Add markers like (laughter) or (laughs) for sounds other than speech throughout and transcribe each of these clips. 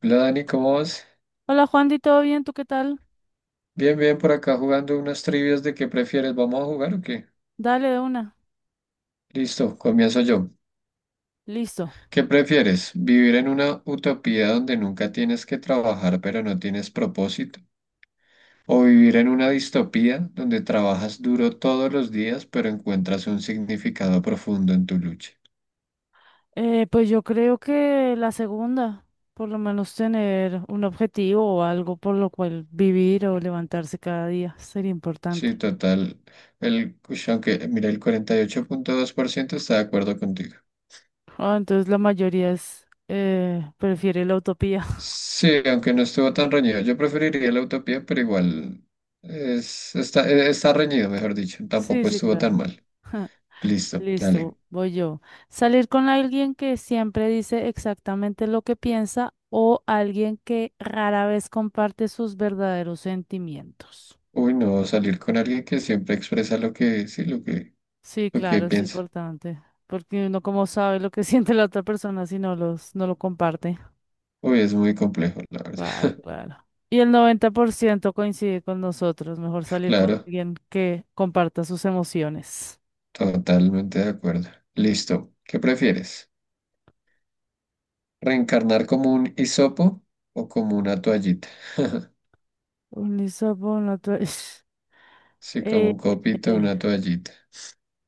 Hola Dani, ¿cómo vas? Hola Juandy, ¿todo bien? ¿Tú qué tal? Bien, bien, por acá jugando unas trivias de qué prefieres. ¿Vamos a jugar o qué? Dale de una. Listo, comienzo yo. Listo. ¿Qué prefieres? ¿Vivir en una utopía donde nunca tienes que trabajar pero no tienes propósito? ¿O vivir en una distopía donde trabajas duro todos los días pero encuentras un significado profundo en tu lucha? Pues yo creo que la segunda, por lo menos tener un objetivo o algo por lo cual vivir o levantarse cada día sería Sí, importante. total. Aunque, mira, el 48,2% está de acuerdo contigo. Ah, entonces la mayoría es, prefiere la utopía. (laughs) Sí, aunque no estuvo tan reñido. Yo preferiría la utopía, pero igual está reñido, mejor dicho. Sí, Tampoco sí, estuvo tan claro. mal. Listo, dale. Listo, voy yo. Salir con alguien que siempre dice exactamente lo que piensa o alguien que rara vez comparte sus verdaderos sentimientos. Uy, no, salir con alguien que siempre expresa lo que, sí, lo que, Sí, lo que claro, es piensa. importante, porque uno como sabe lo que (laughs) siente la otra persona si no los, no lo comparte. Uy, es muy complejo, la Claro, verdad. (laughs) claro. Y el 90% coincide con nosotros, mejor salir con Claro, alguien que comparta sus emociones. totalmente de acuerdo. Listo. ¿Qué prefieres? ¿Reencarnar como un hisopo o como una toallita? Un lisabón, otro- (laughs) Sí, como Eh, un copito, eh, una toallita.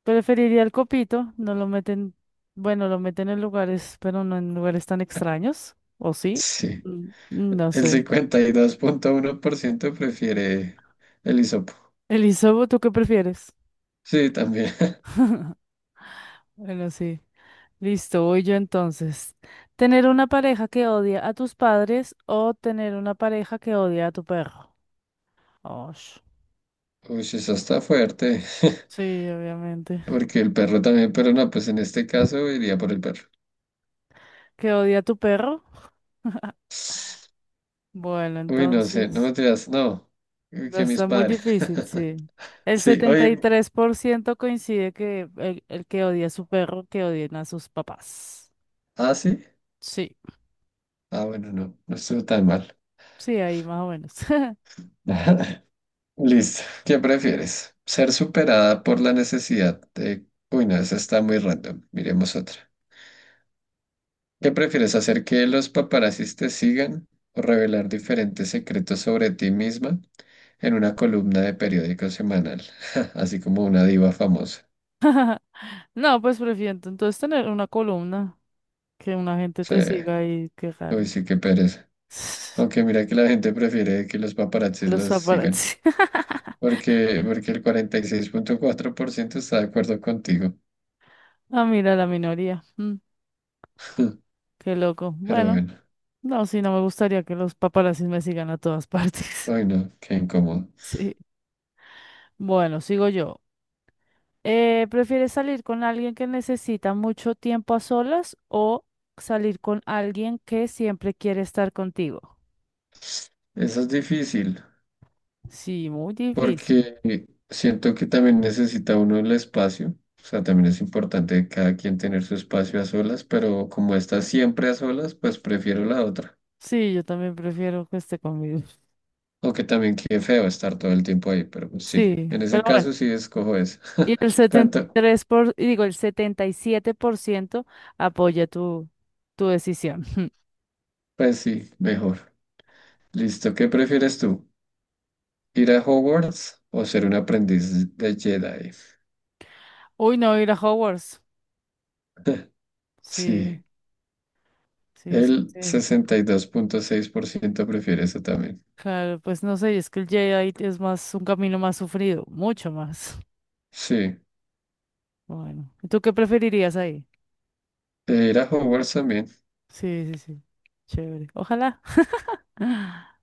preferiría el copito, no lo meten, bueno, lo meten en lugares, pero no en lugares tan extraños, ¿o sí? Sí. Mm, no El sé. 52,1% prefiere el hisopo. Elizabeth, ¿tú qué prefieres? Sí, también. Bueno, sí. Listo, voy yo entonces. ¿Tener una pareja que odia a tus padres o tener una pareja que odia a tu perro? Osh. (laughs) Uy, eso está fuerte. (laughs) Sí, obviamente. Porque el perro también, pero no, pues en este caso iría por el perro. ¿Que odia a tu perro? Bueno, Uy, no sé, no me entonces digas, no. Uy, no que mis está muy padres. difícil, (laughs) sí. El Sí, setenta y hoy. tres por ciento coincide que el que odia a su perro, que odien a sus papás. Ah, sí. Sí, Ah, bueno, no, no estuvo tan mal. sí, ahí más o menos. (laughs) (laughs) Listo. ¿Qué prefieres? ¿Ser superada por la necesidad de... Uy, no, esa está muy random. Miremos otra. ¿Qué prefieres hacer que los paparazzis te sigan o revelar diferentes secretos sobre ti misma en una columna de periódico semanal? (laughs) Así como una diva famosa. No, pues prefiero entonces tener una columna, que una gente Sí, te siga y qué uy, raro. sí, qué pereza. Aunque mira que la gente prefiere que los (laughs) paparazzis Los los sigan, paparazzi. porque el 46,4% está de acuerdo contigo. Ah, mira, la minoría. Mm, qué loco. Pero Bueno, bueno, no, sí, no me gustaría que los paparazzis me sigan a todas partes. ay (laughs) no, qué incómodo. Sí. Bueno, sigo yo. ¿Prefieres salir con alguien que necesita mucho tiempo a solas o salir con alguien que siempre quiere estar contigo? Eso es difícil. Sí, muy difícil. Porque siento que también necesita uno el espacio, o sea, también es importante cada quien tener su espacio a solas, pero como está siempre a solas, pues prefiero la otra. Sí, yo también prefiero que esté conmigo. (laughs) Aunque también qué feo estar todo el tiempo ahí, pero pues sí, Sí, en ese pero bueno. caso sí escojo esa. Y (laughs) ¿Cuánto? El 77% apoya tu decisión. Pues sí, mejor. Listo, ¿qué prefieres tú? ¿Ir a Hogwarts o ser un aprendiz de Jedi? Uy, no, ir a Hogwarts. (laughs) Sí, Sí, sí, sí, el sí. 62,6% prefiere eso también. Claro, pues no sé, es que el Jedi es más un camino más sufrido, mucho más. (laughs) Sí, Bueno, ¿y ¿tú qué preferirías ahí? ir a Hogwarts también. Sí, sí, sí. Chévere. Ojalá. (laughs)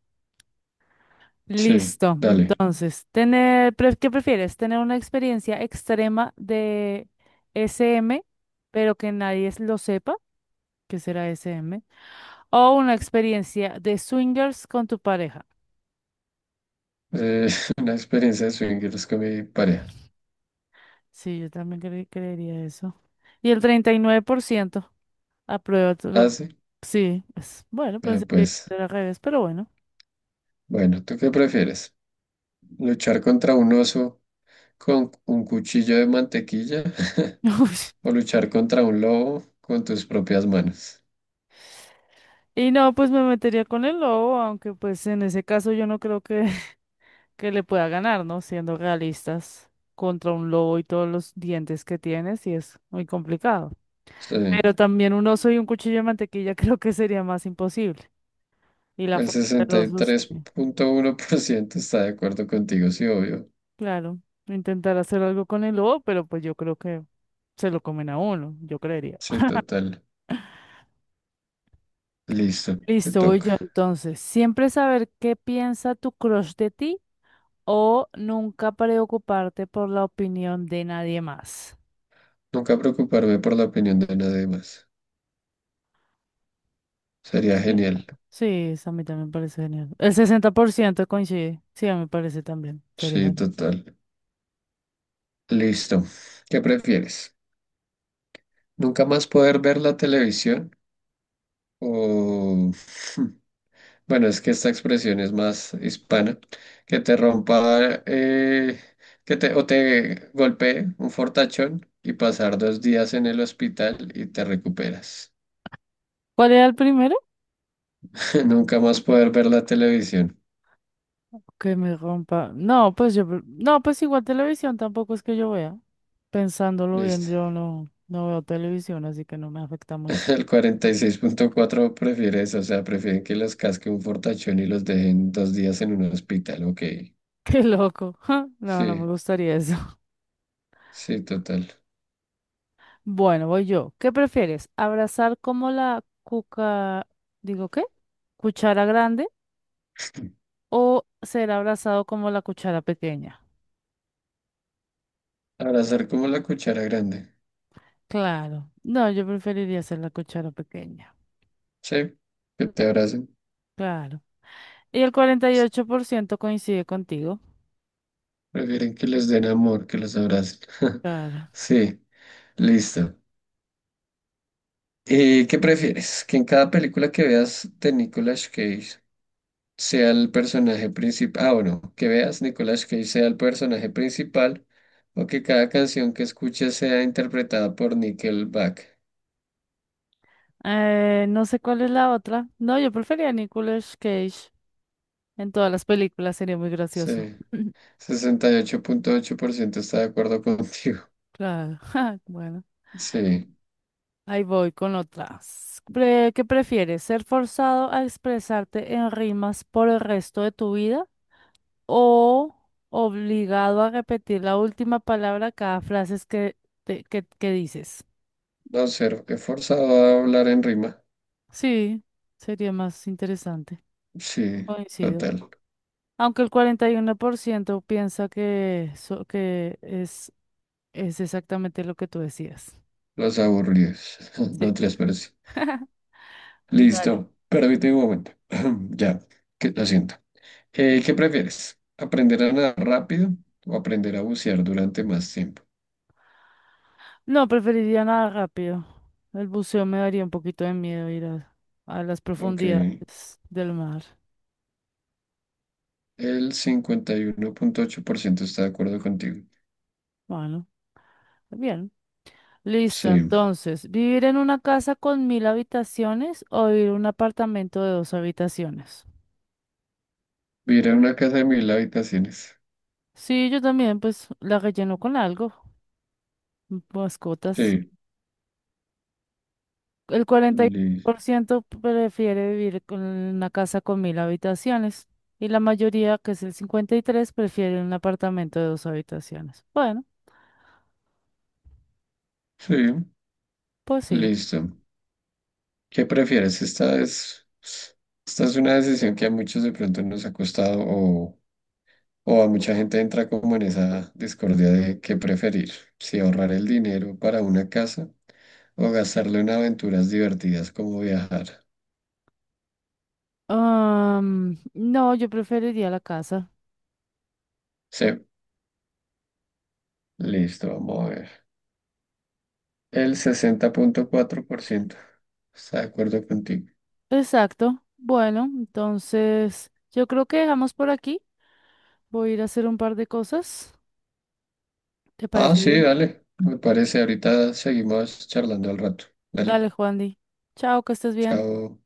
Sí, Listo. dale. Entonces, ¿qué prefieres? ¿Tener una experiencia extrema de SM, pero que nadie s- lo sepa? ¿Qué será SM? ¿O una experiencia de swingers con tu pareja? Eh, (laughs) una experiencia de swingers con mi pareja. Sí, yo también creería eso. Y el 39% aprueba tu lo- ¿Ah, sí? Sí, es, bueno, Ah, pensé que pues, era al revés, pero bueno. bueno, ¿tú qué prefieres? ¿Luchar contra un oso con un cuchillo de mantequilla (laughs) o (laughs) luchar contra un lobo con tus propias manos? Y no, pues me metería con el lobo, aunque pues en ese caso yo no creo que, (laughs) que le pueda ganar, ¿no? Siendo realistas, contra un lobo y todos los dientes que tiene, sí es muy complicado. Sí, Pero también un oso y un cuchillo de mantequilla (laughs) creo que sería más imposible. Y la el fuerza del sesenta y oso, sí. tres punto uno por ciento está de acuerdo contigo, sí, obvio. Claro, intentar hacer algo con el lobo, pero pues yo creo que se lo comen a uno, yo creería. Sí, total. Listo, te Listo, voy toca. yo entonces. Siempre saber qué piensa tu crush de ti o nunca preocuparte por la opinión de nadie más. Nunca preocuparme por la opinión de nadie más. Sería Sí. genial. Sí, eso a mí también me parece genial. El 60% coincide. Sí, a mí me parece también. Sería Sí, genial. total. Listo. ¿Qué prefieres? Nunca más poder ver la televisión o... (laughs) Bueno, es que esta expresión es más hispana. Que te rompa, que te, o te golpee un fortachón y pasar 2 días en el hospital y te recuperas. ¿Cuál era el primero? (laughs) Nunca más poder ver la televisión. Que me rompa. No, pues yo. Pre- No, pues igual televisión tampoco es que yo vea. Pensándolo bien, Listo. yo no, no veo televisión, así que no me afecta mucho. (laughs) El 46,4 prefiere eso, o sea, prefieren que los casque un fortachón y los dejen 2 días en un hospital. Ok. (laughs) Qué loco. (laughs) No, no me Sí, gustaría eso. sí, total. Bueno, voy yo. ¿Qué prefieres? ¿Abrazar como la cuca, digo qué? ¿Cuchara grande o ser abrazado como la cuchara pequeña? Abrazar como la cuchara grande. Claro. No, yo preferiría ser la cuchara pequeña. Sí, que te abracen. Claro. Y el 48% coincide contigo. Prefieren que les den amor, que los abracen. (laughs) Claro. Sí, listo. ¿Qué prefieres? ¿Que en cada película que veas de Nicolas Cage sea el personaje principal? Ah, bueno, que veas Nicolas Cage sea el personaje principal o que cada canción que escuches sea interpretada por Nickelback. No sé cuál es la otra. No, yo prefería a Nicolas Cage en todas las películas, sería muy gracioso. Sí, (laughs) sesenta y ocho 8,8% está de acuerdo (laughs) contigo. Claro. (laughs) Ja, bueno. Sí, Ahí voy con otras. Pre- ¿Qué prefieres? ¿Ser forzado a expresarte en rimas por el resto de tu vida o obligado a repetir la última palabra cada frase que dices? no ser forzado a hablar en rima. Sí, sería más interesante. Sí, Coincido. total. Aunque el 41% piensa que es exactamente lo que tú decías. Los aburridos. (laughs) Sí, No transparencia. dale. Listo. Permíteme un momento. (clears throat) Ya. Lo siento. ¿Qué prefieres? ¿Aprender a nadar rápido o aprender a bucear durante más tiempo? No, preferiría nada rápido. El buceo me daría un poquito de miedo ir a las Ok. profundidades del mar. El 51,8% está de acuerdo contigo. Bueno, bien. Listo, Sí. entonces, ¿vivir en una casa con mil habitaciones o vivir en un apartamento de dos habitaciones? Vivir en una casa de 1.000 habitaciones. Sí, yo también, pues la relleno con algo, mascotas. Sí. El cuarenta y uno Li- por ciento prefiere vivir con una casa con mil habitaciones y la mayoría, que es el 53, prefiere un apartamento de dos habitaciones. Bueno, sí. pues sí. Listo. ¿Qué prefieres? Esta es una decisión que a muchos de pronto nos ha costado o a mucha gente entra como en esa discordia de qué preferir, si ahorrar el dinero para una casa o gastarlo en aventuras divertidas como viajar. Am, no, yo preferiría la casa. Sí, listo, vamos a ver. El 60,4% está de acuerdo contigo. Exacto. Bueno, entonces yo creo que dejamos por aquí. Voy a ir a hacer un par de cosas. ¿Te Ah, parece sí, bien? dale, me parece. Ahorita seguimos charlando al rato. Dale, Dale, Juandi. Chao, que estés bien. chao.